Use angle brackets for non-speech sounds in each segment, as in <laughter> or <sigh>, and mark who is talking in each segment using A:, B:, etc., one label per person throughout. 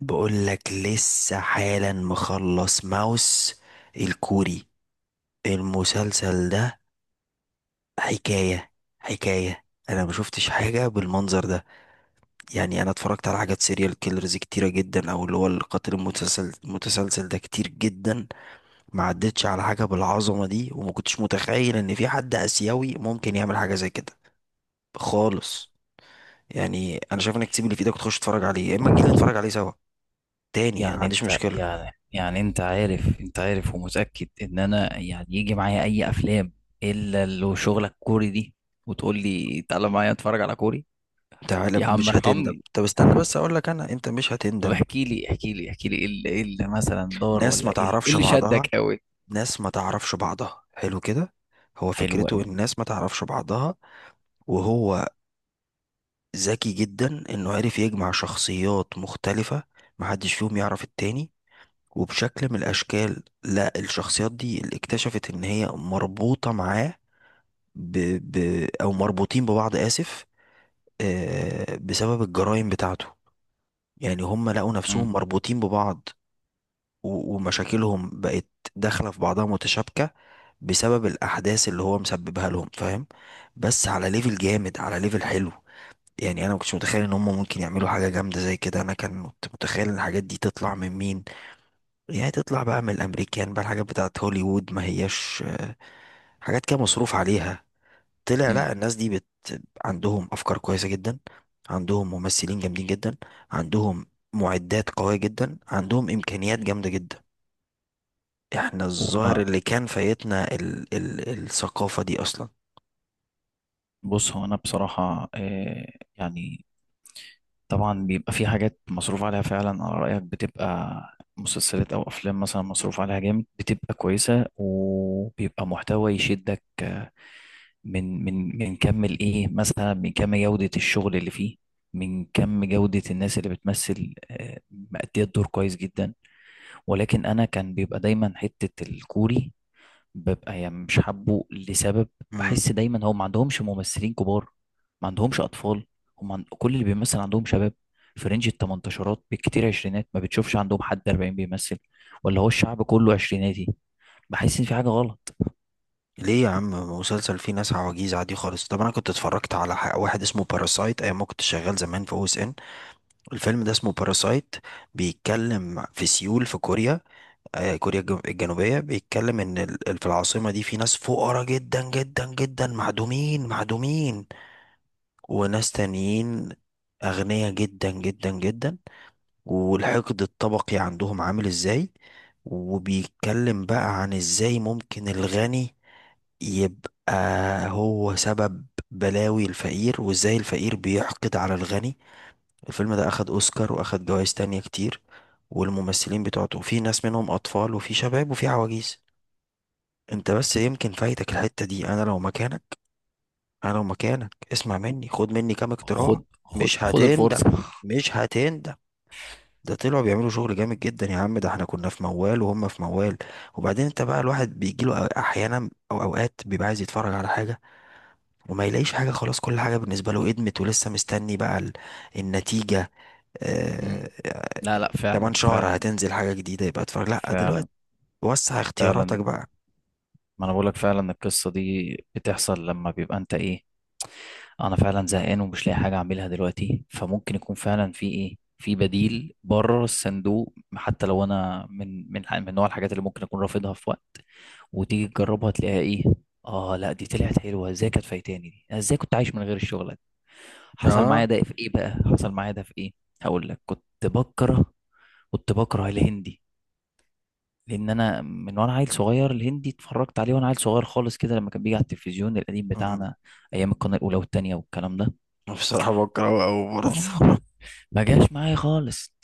A: بقولك لسه حالا مخلص ماوس الكوري. المسلسل ده حكاية حكاية. انا ما شفتش حاجة بالمنظر ده. يعني انا اتفرجت على حاجات سيريال كيلرز كتيرة جدا، او اللي هو القاتل المتسلسل ده كتير جدا. ما عدتش على حاجة بالعظمة دي، وما كنتش متخيل ان في حد اسيوي ممكن يعمل حاجة زي كده خالص. يعني انا شايف انك تسيب اللي في ايدك وتخش تتفرج عليه، يا اما تجيلي نتفرج عليه سوا تاني. انا ما
B: يعني
A: عنديش
B: انت
A: مشكلة.
B: يعني يعني انت عارف ومتأكد ان انا يعني يجي معايا اي افلام الا لو شغلك كوري دي وتقول لي تعالى معايا اتفرج على كوري.
A: تعالى
B: يا عم
A: مش هتندم.
B: ارحمني.
A: طب استنى بس اقول لك انا، انت مش
B: طب
A: هتندم.
B: احكي لي ايه اللي إيه اللي مثلا دار،
A: ناس
B: ولا
A: ما
B: ايه اللي إيه
A: تعرفش
B: اللي
A: بعضها،
B: شدك قوي.
A: ناس ما تعرفش بعضها حلو كده. هو
B: حلو
A: فكرته
B: قوي.
A: ان الناس ما تعرفش بعضها. وهو ذكي جدا انه عرف يجمع شخصيات مختلفة محدش فيهم يعرف التاني، وبشكل من الاشكال لا، الشخصيات دي اللي اكتشفت ان هي مربوطة معاه ب... او مربوطين ببعض، اسف، بسبب الجرائم بتاعته. يعني هم لقوا
B: امم
A: نفسهم مربوطين ببعض، و- ومشاكلهم بقت داخلة في بعضها متشابكة بسبب الأحداث اللي هو مسببها لهم، فاهم؟ بس على ليفل جامد، على ليفل حلو. يعني أنا مكنتش متخيل إن هم ممكن يعملوا حاجة جامدة زي كده. أنا كنت متخيل إن الحاجات دي تطلع من مين؟ يعني تطلع بقى من الأمريكان بقى، الحاجات بتاعت هوليوود، ما هياش حاجات كده مصروف عليها. طلع لا، الناس دي عندهم أفكار كويسة جدا، عندهم ممثلين جامدين جدا، عندهم معدات قوية جدا، عندهم إمكانيات جامدة جدا. احنا الظاهر
B: وانا،
A: اللي كان فايتنا ال ال الثقافة دي اصلا.
B: بص، هو انا بصراحة يعني، طبعا بيبقى في حاجات مصروف عليها فعلا، على رأيك، بتبقى مسلسلات أو أفلام مثلا مصروف عليها جامد بتبقى كويسة، وبيبقى محتوى يشدك من كم الإيه، مثلا من كم جودة الشغل اللي فيه، من كم جودة الناس اللي بتمثل، مأدية الدور كويس جدا. ولكن أنا كان بيبقى دايما حتة الكوري ببقى يعني مش حابه لسبب.
A: امم.
B: بحس دايما هو ما عندهمش ممثلين كبار، ما عندهمش اطفال، كل اللي بيمثل عندهم شباب في رينج التمنتاشرات بالكتير، عشرينات. ما بتشوفش عندهم حد 40 بيمثل. ولا هو الشعب كله عشريناتي؟ بحس ان في حاجة غلط.
A: ليه يا عم؟ مسلسل فيه ناس عواجيز عادي خالص. طب انا كنت اتفرجت على واحد اسمه باراسايت ايام ما كنت شغال زمان في او اس ان. الفيلم ده اسمه باراسايت، بيتكلم في سيول في كوريا، آه كوريا الجنوبية. بيتكلم ان في العاصمة دي في ناس فقراء جدا جدا جدا، معدومين معدومين، وناس تانيين اغنياء جدا جدا جدا، والحقد الطبقي عندهم عامل ازاي. وبيتكلم بقى عن ازاي ممكن الغني يبقى هو سبب بلاوي الفقير، وازاي الفقير بيحقد على الغني. الفيلم ده اخد اوسكار واخد جوائز تانية كتير، والممثلين بتوعته في ناس منهم اطفال وفي شباب وفي عواجيز. انت بس يمكن فايتك الحتة دي. انا لو مكانك، انا لو مكانك اسمع مني، خد مني كام اقتراح.
B: خد
A: مش هتندم،
B: الفرصة. <laughs>
A: مش هتندم. ده طلعوا بيعملوا شغل جامد جدا يا عم. ده احنا كنا في موال وهم في موال. وبعدين انت بقى الواحد بيجيله احيانا او اوقات بيبقى عايز يتفرج على حاجة وما يلاقيش حاجة. خلاص، كل حاجة بالنسبة له ادمت ولسه مستني بقى النتيجة. آه.
B: مم.
A: آه.
B: لا لا،
A: كمان
B: فعلا
A: شهر
B: فعلا.
A: هتنزل حاجة جديدة، يبقى اتفرج لا دلوقتي.
B: فعلا
A: وسع اختياراتك
B: فعلا،
A: بقى.
B: ما انا بقولك، فعلا القصة دي بتحصل لما بيبقى انت ايه، انا فعلا زهقان ومش لاقي حاجه اعملها دلوقتي، فممكن يكون فعلا في ايه، في بديل بره الصندوق، حتى لو انا من نوع الحاجات اللي ممكن اكون رافضها في وقت، وتيجي
A: م-
B: تجربها تلاقيها ايه، اه، لا دي طلعت حلوه. ازاي كانت فايتاني دي؟ أنا ازاي كنت عايش من غير الشغل ده؟ حصل معايا
A: اه.
B: ده في ايه بقى، حصل معايا ده في ايه. هقول لك، كنت بكره الهندي. لان انا من وانا عيل صغير الهندي اتفرجت عليه وانا عيل صغير خالص كده، لما كان بيجي على التلفزيون القديم
A: م-
B: بتاعنا ايام القناه الاولى والتانيه والكلام ده.
A: بصراحة بكرهه أوي برضه
B: اه،
A: <laughs>
B: ما جاش معايا خالص.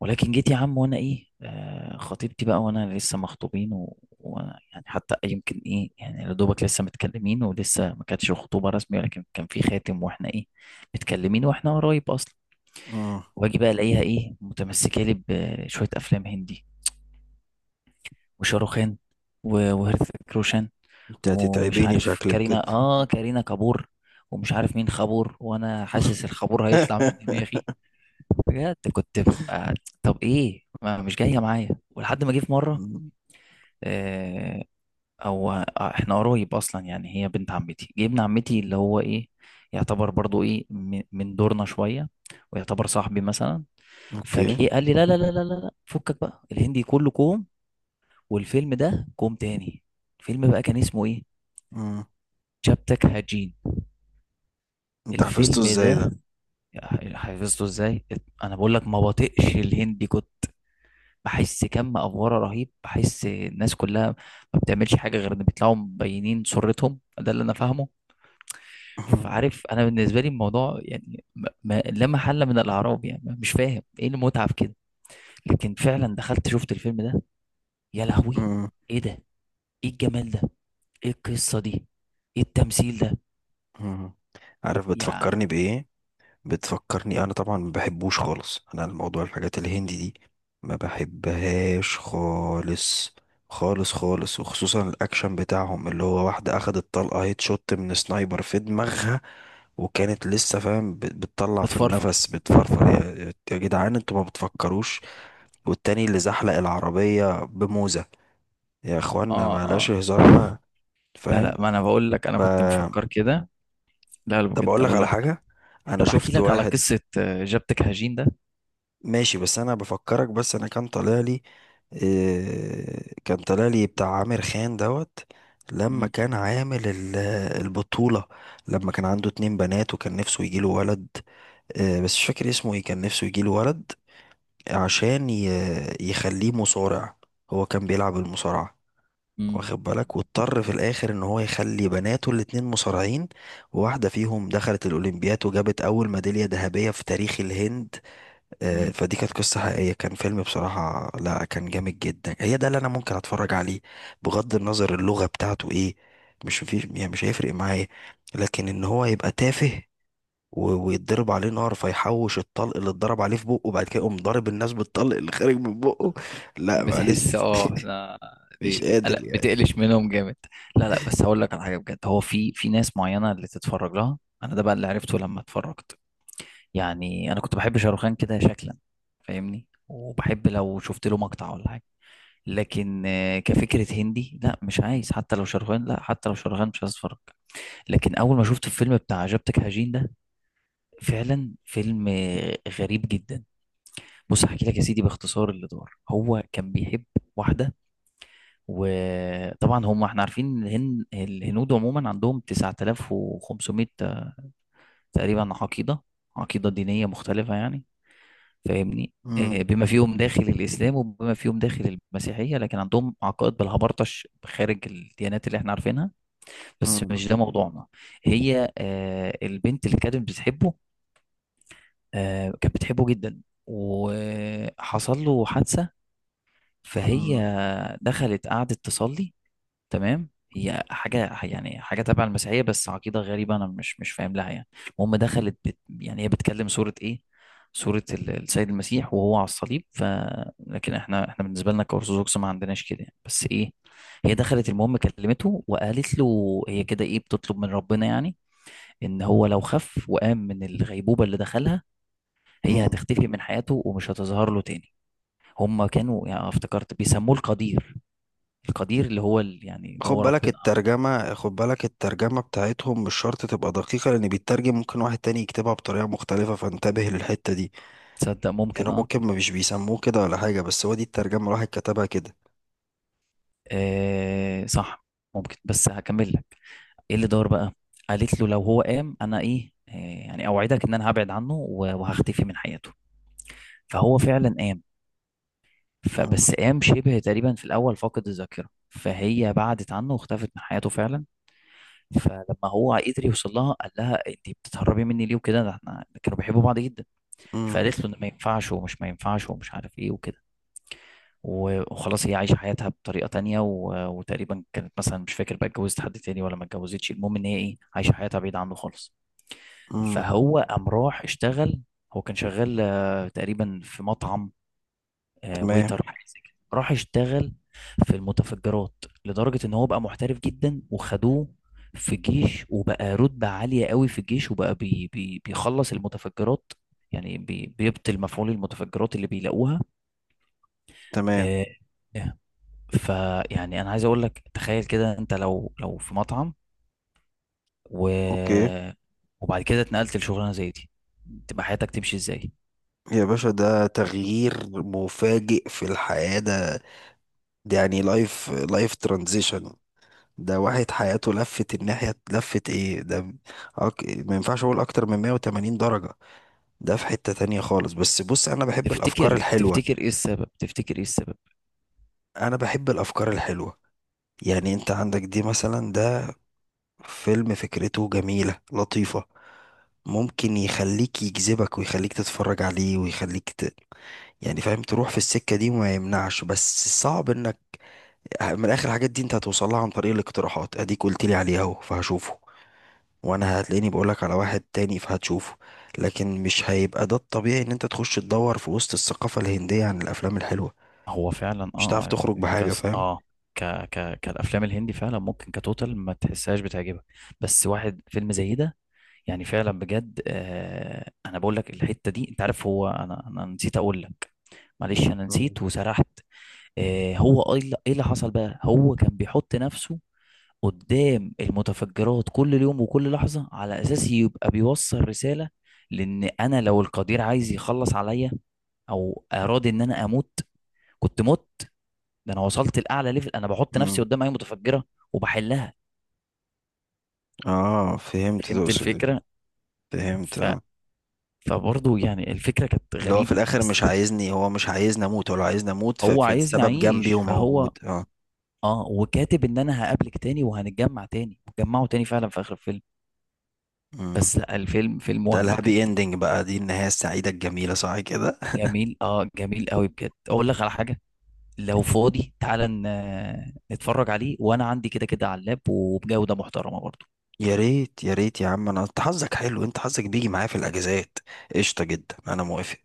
B: ولكن جيت يا عم وانا ايه، آه، خطيبتي بقى، وانا لسه مخطوبين، وانا يعني حتى يمكن ايه، يعني يا دوبك لسه متكلمين ولسه ما كانتش خطوبه رسميه، ولكن كان في خاتم واحنا ايه، متكلمين واحنا قريب اصلا.
A: م.
B: واجي بقى الاقيها ايه، متمسكه لي بشويه افلام هندي، وشاروخان، وهرث كروشان،
A: انت
B: ومش
A: هتتعبيني
B: عارف
A: شكلك كده.
B: كارينا، اه كارينا كابور، ومش عارف مين خابور، وانا حاسس الخابور هيطلع من دماغي.
A: <laughs>
B: بجد كنت ببقى، طب ايه، ما مش جايه معايا. ولحد ما جه في مره،
A: م.
B: آه، او احنا قرايب اصلا، يعني هي بنت عمتي، جه ابن عمتي اللي هو ايه، يعتبر برضو ايه، من دورنا شويه، ويعتبر صاحبي مثلا،
A: اوكي.
B: فجه قال لي لا لا لا لا لا لا، فكك بقى، الهندي كله كوم والفيلم ده كوم تاني. الفيلم بقى كان اسمه ايه،
A: م.
B: شابتك هاجين.
A: انت حفظته
B: الفيلم
A: ازاي ده؟
B: ده حفظته ازاي؟ انا بقول لك ما بطيقش الهندي، كنت بحس كم افوره رهيب، بحس الناس كلها ما بتعملش حاجه غير ان بيطلعوا مبينين سرتهم، ده اللي انا فاهمه.
A: <laughs> مم.
B: فعارف، انا بالنسبه لي الموضوع يعني لا محل من الاعراب يعني، مش فاهم ايه المتعه في كده. لكن فعلا دخلت شفت الفيلم ده، يا لهوي،
A: مم.
B: ايه ده؟ ايه الجمال ده؟ ايه القصه دي؟ ايه التمثيل ده؟
A: مم. عارف
B: يعني
A: بتفكرني بإيه؟ بتفكرني. أنا طبعا ما بحبوش خالص، أنا الموضوع الحاجات الهندي دي ما بحبهاش خالص خالص خالص، وخصوصا الأكشن بتاعهم، اللي هو واحدة أخدت طلقة هيت شوت من سنايبر في دماغها وكانت لسه فاهم بتطلع في
B: بتفرفر.
A: النفس بتفرفر. يا يا جدعان انتوا ما بتفكروش؟ والتاني اللي زحلق العربية بموزة. يا اخوانا
B: اه
A: بلاش
B: اه.
A: هزار
B: <laughs>
A: بقى.
B: لا
A: فاهم؟
B: لا، ما انا بقول لك انا كنت مفكر كده. لا لا،
A: طب
B: بجد
A: اقول لك
B: اقول
A: على
B: لك.
A: حاجه. انا
B: طب احكي
A: شفت
B: لك على
A: واحد.
B: قصه جابتك هجين ده.
A: ماشي، بس انا بفكرك. بس انا كان طالع لي إيه، كان طالع لي بتاع عامر خان دوت لما
B: مم.
A: كان عامل البطوله. لما كان عنده اتنين بنات وكان نفسه يجيله ولد. إيه بس مش فاكر اسمه ايه. كان نفسه يجيله ولد عشان يخليه مصارع. هو كان بيلعب المصارعه،
B: مم.
A: واخد بالك، واضطر في الاخر ان هو يخلي بناته الاتنين مصارعين، وواحده فيهم دخلت الاولمبياد وجابت اول ميداليه ذهبيه في تاريخ الهند.
B: مم.
A: فدي كانت قصه حقيقيه. كان فيلم بصراحه لا كان جامد جدا. هي ده اللي انا ممكن اتفرج عليه بغض النظر اللغه بتاعته ايه، مش في يعني مش هيفرق معايا. لكن ان هو يبقى تافه و- ويتضرب عليه نار فيحوش الطلق اللي اتضرب عليه في بقه وبعد كده يقوم ضارب الناس بالطلق اللي خارج من بقه، لا معلش
B: بتحس،
A: <laughs>
B: اه لا،
A: مش
B: دي لا
A: قادر يعني.
B: بتقلش منهم جامد. لا لا، بس هقول لك على حاجه بجد، هو في ناس معينه اللي تتفرج لها، انا ده بقى اللي عرفته لما اتفرجت. يعني انا كنت بحب شاروخان كده شكلا، فاهمني، وبحب لو شفت له مقطع ولا حاجه، لكن كفكره هندي لا، مش عايز حتى لو شاروخان، لا حتى لو شاروخان مش عايز اتفرج. لكن اول ما شفت الفيلم بتاع عجبتك هجين ده، فعلا فيلم غريب جدا. بص احكي لك يا سيدي باختصار اللي دار. هو كان بيحب واحده، وطبعا هم احنا عارفين إن الهنود عموما عندهم 9500 تقريبا عقيده، عقيده دينيه مختلفه يعني، فاهمني،
A: مم.
B: بما فيهم داخل الاسلام وبما فيهم داخل المسيحيه، لكن عندهم عقائد بالهبرطش خارج الديانات اللي احنا عارفينها. بس
A: مم.
B: مش ده موضوعنا. هي البنت اللي كانت بتحبه، كانت بتحبه جدا، وحصل له حادثه،
A: مم.
B: فهي دخلت قعدت تصلي. تمام، هي حاجة يعني حاجة تبع المسيحية بس عقيدة غريبة، أنا مش فاهم لها يعني. المهم دخلت بت، يعني هي بتكلم سورة إيه؟ سورة السيد المسيح وهو على الصليب، ف، لكن إحنا بالنسبة لنا كأرثوذكس ما عندناش كده يعني، بس إيه، هي دخلت المهم كلمته، وقالت له هي كده إيه، بتطلب من ربنا يعني إن هو لو خف وقام من الغيبوبة اللي دخلها، هي
A: مم.
B: هتختفي من حياته ومش هتظهر له تاني. هما كانوا يعني، افتكرت بيسموه القدير، القدير اللي هو يعني اللي
A: خد
B: هو
A: بالك
B: ربنا.
A: الترجمة، خد بالك الترجمة بتاعتهم مش شرط تبقى دقيقة، لأن بيترجم ممكن واحد تاني يكتبها بطريقة مختلفة، فانتبه للحتة دي.
B: تصدق
A: يعني
B: ممكن،
A: هو
B: اه.
A: ممكن ما مش بيسموه كده ولا حاجة، بس هو دي الترجمة الواحد كتبها كده.
B: صح ممكن، بس هكمل لك ايه اللي دار بقى. قالت له لو هو قام، انا ايه، يعني اوعدك ان انا هبعد عنه، وهختفي من حياته. فهو فعلا قام.
A: مم.
B: فبس قام شبه تقريبا في الاول فاقد الذاكره، فهي بعدت عنه واختفت من حياته فعلا. فلما هو قدر يوصل لها قال لها انت بتتهربي مني ليه وكده، ده احنا كانوا بيحبوا بعض جدا.
A: مم.
B: فقالت له إن ما ينفعش، ومش عارف ايه وكده، وخلاص هي عايشة حياتها بطريقة تانية، وتقريبا كانت مثلا مش فاكر بقى اتجوزت حد تاني ولا ما اتجوزتش، المهم ان هي ايه، عايشة حياتها بعيد عنه خالص.
A: مم.
B: فهو قام راح اشتغل. هو كان شغال تقريبا في مطعم،
A: تمام.
B: ويتر حاجة زي كده. راح اشتغل في المتفجرات، لدرجة ان هو بقى محترف جدا وخدوه في الجيش، وبقى رتبة عالية قوي في الجيش، وبقى بي بي بيخلص المتفجرات، يعني بيبطل مفعول المتفجرات اللي بيلاقوها.
A: تمام.
B: آه، فيعني انا عايز اقول لك تخيل كده، انت لو في مطعم و...
A: اوكي.
B: وبعد كده اتنقلت لشغلانه زي دي، تبقى حياتك تمشي ازاي؟
A: يا باشا ده تغيير مفاجئ في الحياة ده، ده يعني لايف ترانزيشن. ده واحد حياته لفت الناحية، لفت ايه ده؟ ما ينفعش اقول اكتر من 180 درجة. ده في حتة تانية خالص. بس بص انا بحب الافكار
B: تفتكر
A: الحلوة،
B: تفتكر ايه السبب، تفتكر ايه السبب؟
A: انا بحب الافكار الحلوة. يعني انت عندك دي مثلا، ده فيلم فكرته جميلة لطيفة، ممكن يخليك يجذبك ويخليك تتفرج عليه ويخليك يعني فاهم، تروح في السكة دي وما يمنعش. بس صعب انك من الاخر الحاجات دي انت هتوصلها عن طريق الاقتراحات. اديك قلت لي عليه اهو فهشوفه، وانا هتلاقيني بقولك على واحد تاني فهتشوفه. لكن مش هيبقى ده الطبيعي ان انت تخش تدور في وسط الثقافة الهندية عن الافلام الحلوة،
B: هو فعلا
A: مش هتعرف
B: اه،
A: تخرج بحاجة.
B: كاس
A: فاهم؟
B: اه، كالافلام الهندي فعلا ممكن كتوتال ما تحسهاش بتعجبك. بس واحد فيلم زي ده، يعني فعلا بجد. آه، انا بقول لك الحته دي، انت عارف هو، انا نسيت اقول لك، معلش انا
A: مم.
B: نسيت وسرحت. هو ايه اللي إيه اللي حصل بقى، هو كان بيحط نفسه قدام المتفجرات كل يوم وكل لحظة، على اساس يبقى بيوصل رسالة لان انا لو القدير عايز يخلص عليا او اراد ان انا اموت، كنت مت. ده انا وصلت لاعلى ليفل، انا بحط نفسي
A: مم.
B: قدام اي متفجرة وبحلها.
A: اه فهمت
B: فهمت
A: تقصد إيه.
B: الفكرة.
A: فهمت
B: ف،
A: اه.
B: فبرضه يعني الفكرة كانت
A: اللي هو في
B: غريبة.
A: الاخر
B: بس
A: مش عايزني، هو مش عايزني اموت ولا عايزني اموت،
B: هو عايزني
A: فالسبب جنبي
B: اعيش،
A: وموجود
B: فهو
A: اه.
B: اه، وكاتب ان انا هقابلك تاني وهنتجمع تاني. جمعوا تاني فعلا في اخر الفيلم،
A: مم.
B: بس لا الفيلم فيلم
A: ده
B: وهم بجد.
A: الهابي اندنج بقى، دي النهاية السعيدة الجميلة صح كده؟
B: جميل اه، جميل قوي بجد. اقول لك على حاجه، لو فاضي تعالى نتفرج عليه، وانا عندي كده كده على اللاب، وبجوده محترمه برضه.
A: يا ريت يا ريت يا عم. انا انت حظك حلو، انت حظك بيجي معايا في الاجازات. قشطة جدا، انا موافق.